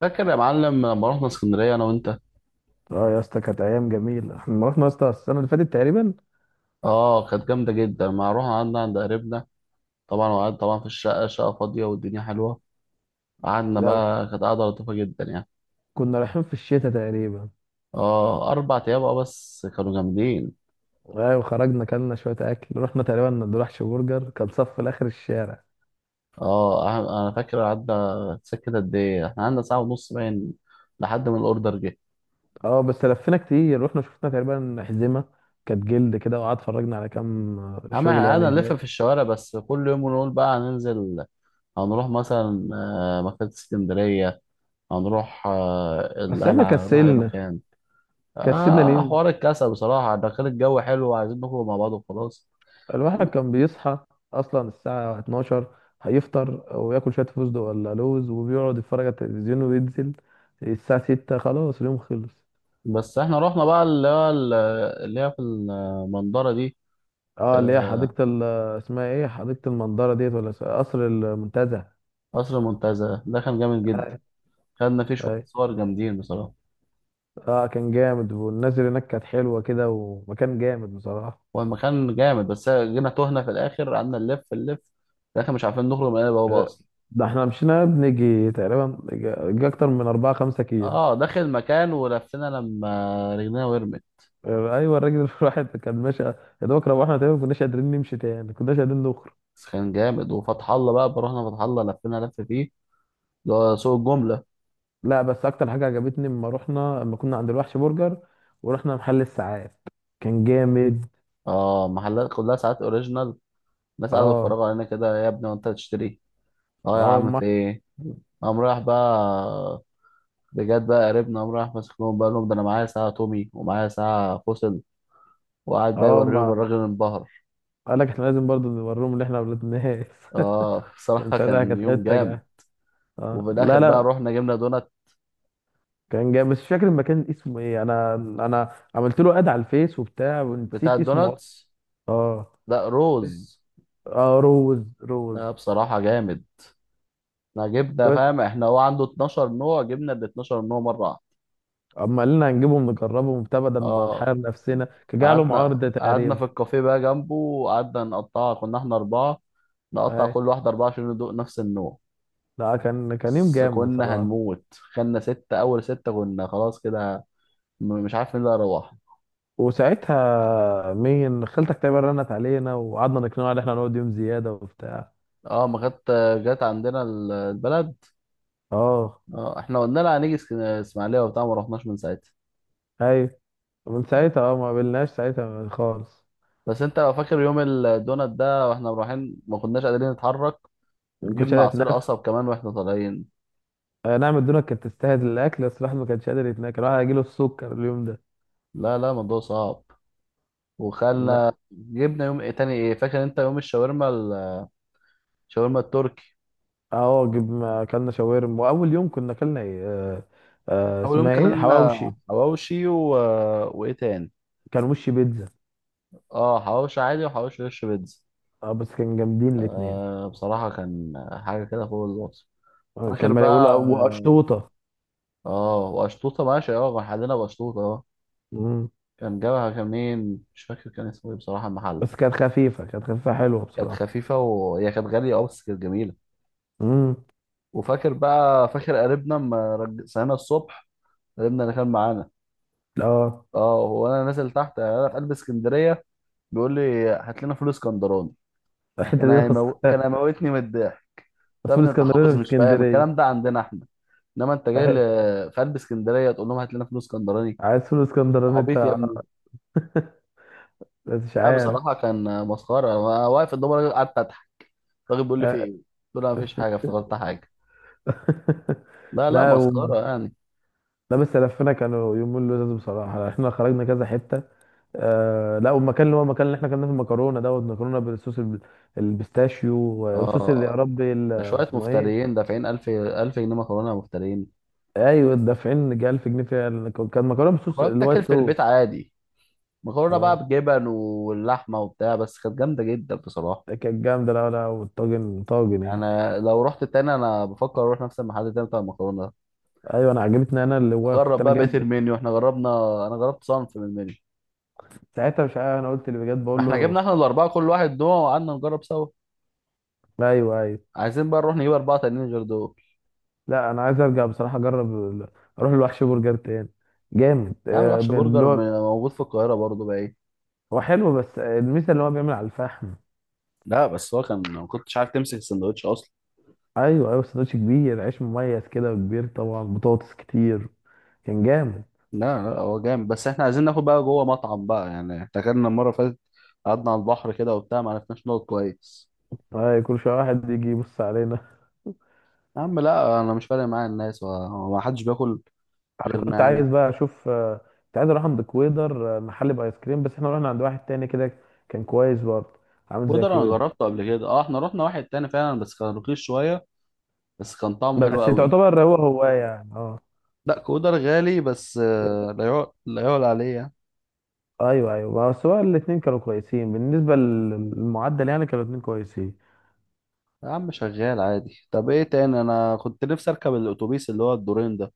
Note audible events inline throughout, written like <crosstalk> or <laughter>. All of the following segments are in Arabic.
فاكر يا معلم لما رحنا اسكندريه انا وانت؟ اه، يا اسطى كانت ايام جميله. احنا رحنا يا اسطى السنه اللي فاتت تقريبا. اه، كانت جامده جدا. ما رحنا قعدنا عند قريبنا. طبعا وقعدنا طبعا في الشقه، شقه فاضيه والدنيا حلوه. قعدنا لا، بقى، كانت قعده لطيفه جدا يعني. كنا رايحين في الشتاء تقريبا. اه، 4 ايام. اه، بس كانوا جامدين. ايوه، خرجنا كلنا شويه اكل، رحنا تقريبا برجر، كان صف لاخر الشارع. اه، انا فاكر قعدنا سكت قد ايه. احنا قعدنا ساعه ونص باين لحد ما الاوردر جه. اه، بس لفينا كتير، رحنا شفنا تقريبا حزمه. كانت جلد كده، وقعد اتفرجنا على كام اما شغل احنا يعني قعدنا نلف هناك. في الشوارع، بس كل يوم نقول بقى هننزل. هنروح مثلا مكتبه اسكندريه. هنروح بس احنا القلعه، نروح اي كسلنا. مكان. كسلنا آه، ننزل. حوار الكسل بصراحة، ده كان الجو حلو وعايزين نخرج مع بعض وخلاص. الواحد كان بيصحى اصلا الساعه 12، هيفطر وياكل شويه فستق ولا لوز، وبيقعد يتفرج على التلفزيون وينزل الساعه 6 خلاص، اليوم خلص. بس احنا رحنا بقى اللي هو اللي هي في المنظرة دي. اه، اللي هي آه، حديقة اسمها ايه؟ حديقة المندرة ديت ولا قصر المنتزه؟ قصر المنتزه ده كان جامد جدا. آه. خدنا فيه شوية آه. صور جامدين بصراحة. اه كان جامد، والناس اللي هناك كانت حلوة كده، ومكان جامد بصراحة. هو المكان جامد، بس جينا تهنا في الآخر، قعدنا نلف نلف في الآخر مش عارفين نخرج من البوابة آه، أصلا. ده احنا مشينا بنيجي تقريبا جا جا اكتر من أربعة خمسة كيلو. اه، داخل المكان ولفينا لما رجلينا ورمت. آه، ايوه، الراجل <laughs> الواحد كان ماشي يا دوبك، روحنا تقريبا ما كناش قادرين نمشي تاني، ما كناش قادرين نخرج. بس كان جامد، وفتح الله بقى رحنا فتح الله لفينا لف فيه، اللي هو سوق الجملة. لا، بس اكتر حاجة عجبتني لما كنا عند الوحش برجر، ورحنا محل الساعات كان جامد. اه، محلات كلها ساعات اوريجينال. الناس قاعدة بتتفرج اه، علينا كده، يا ابني وانت هتشتري؟ اه يا اه، عم، ما. في ايه؟ قام رايح بقى. بجد بقى قريبنا قام رايح ماسك لهم بقى لهم، ده انا معايا ساعة تومي ومعايا ساعة فوسل، وقعد بقى اه، يوريهم، ما الراجل انبهر. قال لك احنا لازم برضه نوريهم ان احنا اولاد ناس. اه، <laughs> كان صراحة ساعتها كان كانت يوم حته جامد. جا. وفي اه، لا الآخر بقى لا، رحنا جبنا دونات، كان جاي بس مش فاكر المكان اسمه ايه، انا انا عملت له اد على الفيس وبتاع بتاع ونسيت اسمه اصلا. الدوناتس. اه لا، روز. اه، روز روز. لا بصراحة جامد. احنا جبنا، بس فاهم، احنا هو عنده 12 نوع، جبنا ال 12 نوع مرة واحدة. اما قالنا هنجيبهم نجربهم وبتاع، بدل ما اه. نحير نفسنا كان جاي لهم قعدنا عرض قعدنا تقريبا. في الكافيه بقى جنبه، وقعدنا نقطعها، كنا احنا أربعة، نقطع اي، كل واحدة أربعة عشان ندوق نفس النوع. لا كان يوم بس جامد كنا بصراحه. هنموت، خدنا ستة، أول ستة كنا خلاص كده. مش عارف مين اللي هيروح. وساعتها مين خالتك تقريبا رنت علينا، وقعدنا نقنعها ان احنا نقعد يوم زياده وبتاع. اه، ما كانت جت عندنا البلد. اه، اه، احنا قلنا لها هنيجي اسماعيلية وبتاع، ما رحناش من ساعتها. ايوه، ومن ساعتها ما قابلناش ساعتها خالص. بس انت لو فاكر يوم الدونات ده واحنا رايحين، ما كناش قادرين نتحرك. ما كنتش جبنا قادر عصير اتنفس. قصب كمان واحنا طالعين. آه، نعم، الدنيا كانت تستاهل الاكل، بس الواحد ما كانش قادر يتناكل، الواحد هيجيله السكر اليوم ده. لا لا، الموضوع صعب. لا، وخلى جبنا يوم إيه تاني؟ ايه فاكر انت؟ يوم الشاورما الشاورما التركي. اه، ما اكلنا شاورما، واول يوم كنا اكلنا ايه؟ آه، اول يوم اسمها ايه؟ كلنا حواوشي. حواوشي وايه تاني؟ كان وش بيتزا. اه، حواوشي عادي، وحواوشي وش بيتزا. اه، بس كان جامدين الاتنين. آه بصراحة، كان حاجة كده فوق الوصف. آه، كان فاكر مالي اقول، بقى. وقشطوطه. اه، واشطوطة ماشي، اه كان حدنا باشطوطة اه. مم. كان جابها كان مين مش فاكر كان اسمه ايه بصراحة المحل. بس كانت خفيفه حلوه كانت بصراحه. خفيفة وهي كانت غالية، اه بس كانت جميلة. امم. وفاكر بقى، فاكر قريبنا لما صحينا الصبح، قريبنا اللي كان معانا. اه، اه، هو انا نازل تحت، يعني انا في قلب اسكندريه، بيقول لي هات لنا فول اسكندراني. الحته دي كان هيموتني من الضحك. طب <laughs> يا فول ابني انت حافظ اسكندراني في مش فاهم، اسكندريه. الكلام ده عندنا احنا. انما انت جاي آه، في قلب اسكندريه تقول لهم هات لنا فول اسكندراني؟ <laughs> عايز فول اسكندراني عبيط يا انت؟ ابني. بس مش لا عارف. بصراحه كان مسخره، انا واقف قدام الراجل قعدت اضحك، الراجل بيقول لي في آه. ايه. قلت له ما فيش حاجه، <laughs> افتكرت حاجه. لا لا، لا مسخره هم. يعني. لا، بس لفينا كانوا يومين لذاذ بصراحة يعني، احنا خرجنا كذا حتة. آه، لا، والمكان اللي هو المكان اللي احنا كنا في المكرونة دوت، مكرونة بالصوص البيستاشيو، الصوص اللي يا اه، ربي ده شويه اسمه ايه. مفتريين دافعين 1000 1000 جنيه مكرونه، مفتريين. ايوه، دافعين جه 1000 جنيه فيها كان مكرونة بالصوص مكرونه بتاكل الوايت في البيت صوص. عادي، مكرونه اه، بقى بجبن واللحمه وبتاع، بس كانت جامده جدا بصراحه. ده كانت جامدة. لا لا، والطاجن طاجن يعني. انا لو رحت تاني، انا بفكر اروح نفس المحل تاني بتاع المكرونه ده. ايوه، انا عجبتني، انا اللي هو كنت نجرب انا بقى بقيه جايب بس. المنيو، احنا جربنا، انا جربت صنف من المنيو. ساعتها مش عارف، انا قلت اللي بجد ما بقول احنا جبنا، له. احنا الاربعه كل واحد نوع، وقعدنا نجرب سوا. ايوه ايوه. عايزين بقى نروح نجيب اربعه تانيين غير دول. لا، انا عايز ارجع بصراحه اجرب اروح الوحش برجر تاني جامد. يعني آه، وحش اللي برجر هو موجود في القاهره برضه بقى ايه. هو حلو بس، الميزه اللي هو بيعمل على الفحم. لا بس هو كان ما كنتش عارف تمسك السندوتش اصلا. ايوه ايوه، سندوتش كبير، عيش مميز كده وكبير، طبعا بطاطس كتير، كان جامد. لا لا، هو جامد، بس احنا عايزين ناخد بقى جوه مطعم بقى يعني. احنا كنا المره اللي فاتت قعدنا على البحر كده وبتاع، ما عرفناش نقعد كويس. آه، كل شويه واحد يجي يبص علينا. يا عم لا، انا مش فارق معايا الناس، وما حدش بياكل انا غيرنا كنت يعني. عايز بقى اشوف، كنت عايز اروح عند كويدر، محل بايس كريم، بس احنا رحنا عند واحد تاني كده، كان كويس برضه، عامل زي كودر انا كويدر. جربته قبل كده، اه احنا رحنا واحد تاني فعلا، بس كان رخيص شويه، بس كان طعمه حلو بس قوي. تعتبر هو هو يعني اه لا كودر غالي، بس لا يعلى لا يعلى عليه يعني. ايوه ايوه، بس هو الاثنين كانوا كويسين بالنسبه للمعدل يعني، كانوا الاثنين كويسين. يا عم شغال عادي. طب ايه تاني؟ انا كنت نفسي اركب الاتوبيس اللي هو الدورين ده.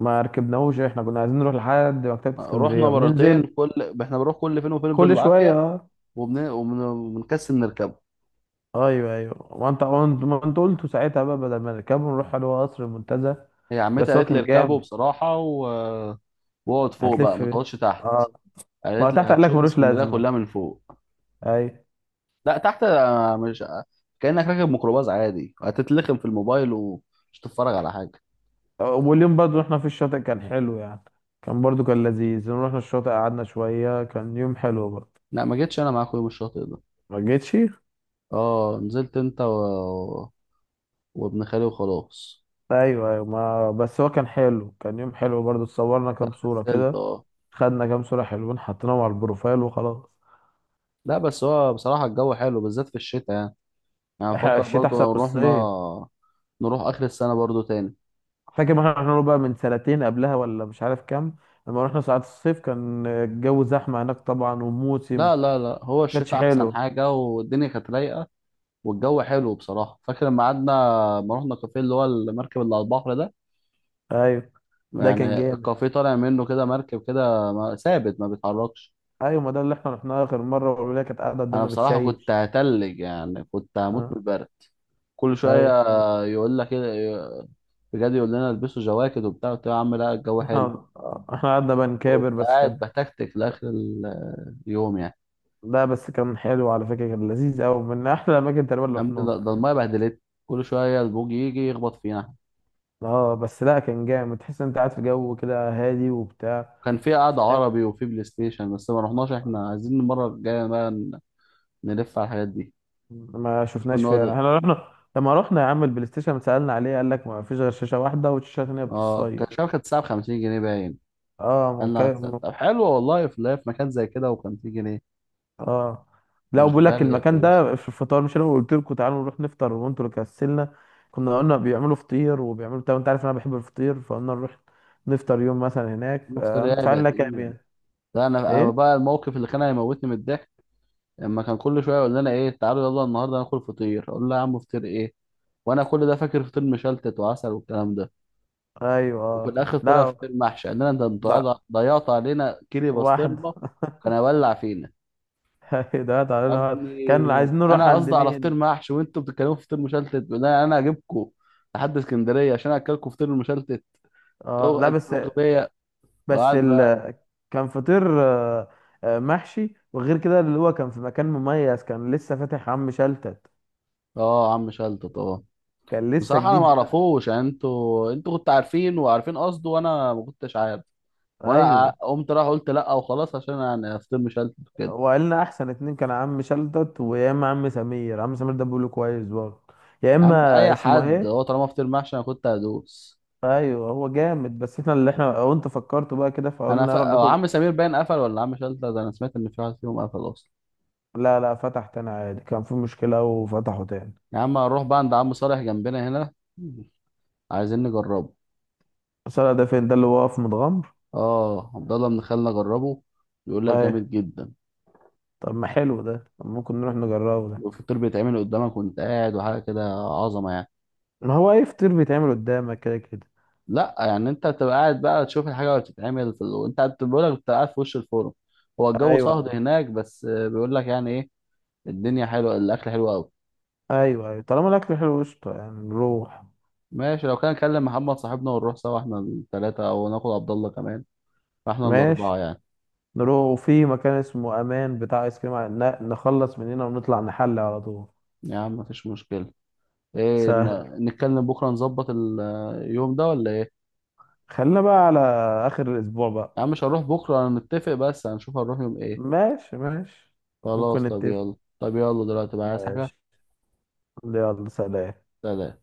ما ركبناهوش، احنا كنا عايزين نروح لحد مكتبه رحنا اسكندريه مرتين، وننزل. كل احنا بنروح كل فين وفين كل شويه بالعافيه، اه وبنكسل نركبه. ايوه ايوه، وانت ما انت قلت ساعتها، بقى بدل ما نركبه نروح على قصر المنتزه. هي عمتي بس هو قالت لي كان اركبه جامد. بصراحه واقعد فوق بقى، هتلف ما بيه. تقعدش تحت. اه، ما هو قالت لي تحت قال لك هتشوف ملوش اسكندريه لازمه. كلها من فوق. اي. لا، تحت مش كأنك راكب ميكروباص عادي، هتتلخم في الموبايل ومش تتفرج على حاجة. واليوم برضو احنا في الشاطئ كان حلو يعني، كان لذيذ، رحنا الشاطئ قعدنا شويه، كان يوم حلو برضو. لا ما جيتش انا معاك يوم الشاطئ ده. ما جيتش. اه، نزلت انت وابن خالي وخلاص. ايوه ايوه، ما بس هو كان حلو، كان يوم حلو برضو، اتصورنا كام صورة كسلت، كده، اه. خدنا كام صورة حلوين حطيناهم على البروفايل وخلاص. لا بس هو بصراحة الجو حلو بالذات في الشتاء يعني، يعني بفكر الشتاء برضو احسن من لو رحنا الصيف. نروح آخر السنة برضو تاني. فاكر ما احنا رحنا له بقى من سنتين قبلها، ولا مش عارف كام. لما رحنا ساعات الصيف كان الجو زحمة هناك طبعا وموسم، لا لا لا، هو كانش الشتاء أحسن حلو. حاجة، والدنيا كانت رايقة، والجو حلو بصراحة. فاكر لما قعدنا، لما رحنا كافيه اللي هو المركب اللي على البحر ده، ايوه، ده كان يعني جامد. الكافيه طالع منه كده مركب كده ثابت ما بيتحركش. ايوه، ما ده اللي احنا رحناه اخر مرة، والولاد كانت قاعدة انا قدامنا بصراحه كنت بتشيش. هتلج، يعني كنت هموت من اه البرد. كل ايوه، شويه يقول لك كده، بجد يقول لنا البسوا جواكت وبتاع، قلت له يا عم لا الجو حلو، احنا احنا قعدنا كنت بنكابر بس قاعد كان. بتكتك لاخر اليوم يعني. لا، بس كان حلو على فكرة، كان لذيذ قوي، من احلى الاماكن تقريبا اللي ده رحناها. ده المايه بهدلت، كل شويه البوج يجي يخبط فينا. اه، بس لا كان جامد، تحس انت قاعد في جو كده هادي وبتاع. كان في قعده فاهم. عربي وفي بلاي ستيشن، بس ما رحناش، احنا عايزين المره الجايه بقى نلف على الحاجات دي. ما كنا شفناش فيها، نقعد، احنا رحنا لما رحنا يا عم البلاي ستيشن سألنا عليه، قال لك ما فيش غير شاشة واحدة، والشاشة التانية اه كان بتصيد. الشبكه كانت الساعه ب 50 جنيه باين. اه، يلا هتسأل. ممكن. طب حلو والله، في لا في مكان زي كده وخمسين جنيه؟ اه، لا، مش وبيقول لك غالية المكان كويس. ده في الفطار، مش انا قلت لكم تعالوا نروح نفطر وانتوا اللي كسلنا. كنا قلنا بيعملوا فطير وبيعملوا بتاع، انت عارف انا بحب الفطير، فقلنا نروح نفطر يوم مثلا هناك، المفطر ايه ندفع لنا بقت كام ايه؟ يعني. ده انا ايه؟ بقى الموقف اللي كان هيموتني من الضحك. لما كان كل شويه يقول لنا ايه، تعالوا يلا النهارده ناكل فطير، اقول له يا عم فطير ايه، وانا كل ده فاكر فطير مشلتت وعسل والكلام ده. ايوه، وفي الاخر طلع لا فطير محشي، قال لنا انتوا لا، ضيعت علينا كيري واحد. <laughs> بسطرمه. كان هيولع فينا. <laughs> ده تعالى يا نقعد. ابني كان عايزين نروح انا عند قصدي على فطير مين. محشي، وانتوا بتتكلموا في فطير مشلتت، بيقول لنا انا هجيبكم لحد اسكندريه عشان اكلكم فطير المشلتت. اه، هو لا بس انتوا اغبياء؟ بس وقعد بقى. كان فطير محشي، وغير كده اللي هو كان في مكان مميز، كان لسه فاتح عم شلتت، اه، عم شلت طبعا. كان لسه بصراحه انا ما جديد بقى. اعرفوش يعني، انتوا كنتوا عارفين وعارفين قصده، وانا ما كنتش عارف. وانا ايوه، قمت رايح قلت لا وخلاص، عشان يعني افطر مشلت كده. وقالنا احسن اتنين، كان عم شلتت، ويا اما عم سمير، عم سمير ده بيقوله كويس برضه، يا يا اما عم اي اسمه حد، ايه. هو طالما فطير محشي انا كنت هدوس. ايوه، هو جامد، بس احنا اللي احنا وانت فكرته بقى كده، انا فقلنا نروح أو ناكل. عم سمير باين قفل ولا عم شلت ده، انا سمعت ان في واحد فيهم قفل اصلا. لا لا، فتح تاني عادي، كان في مشكلة وفتحه تاني. يا عم هنروح بقى عند عم صالح جنبنا هنا، عايزين نجربه. الصلاة ده فين؟ ده اللي واقف متغمر. اه، عبد الله بن خالنا جربه، بيقول لك اي، جامد جدا، طب ما حلو ده، طب ممكن نروح نجربه ده. والفطير بيتعمل قدامك وانت قاعد، وحاجه كده عظمه يعني. ما هو اي فطير بيتعمل قدامك كده كده. لا يعني انت بتبقى قاعد بقى تشوف الحاجه وهي بتتعمل في وانت قاعد بيقول لك بتبقى قاعد في وش الفرن. هو الجو ايوه صهد هناك، بس بيقول لك يعني ايه، الدنيا حلوه، الاكل حلو قوي. ايوه ايوه، طالما الاكل حلو قشطه يعني نروح. ماشي، لو كان نكلم محمد صاحبنا ونروح سوا، احنا الثلاثه او ناخد عبد الله كمان، فاحنا ماشي. الاربعه يعني. نروح، وفي مكان اسمه امان بتاع ايس كريم نخلص من هنا ونطلع نحل على طول. يا عم مفيش مشكله. ايه سهل. نتكلم بكره نظبط اليوم ده ولا ايه؟ خلينا بقى على اخر الاسبوع بقى. يا عم مش هنروح بكره نتفق، بس هنشوف هنروح يوم ايه. ماشي ماشي، ممكن خلاص طب نتفق. يلا، طب يلا دلوقتي بقى عايز حاجه. ماشي. يلا، سلام. سلام.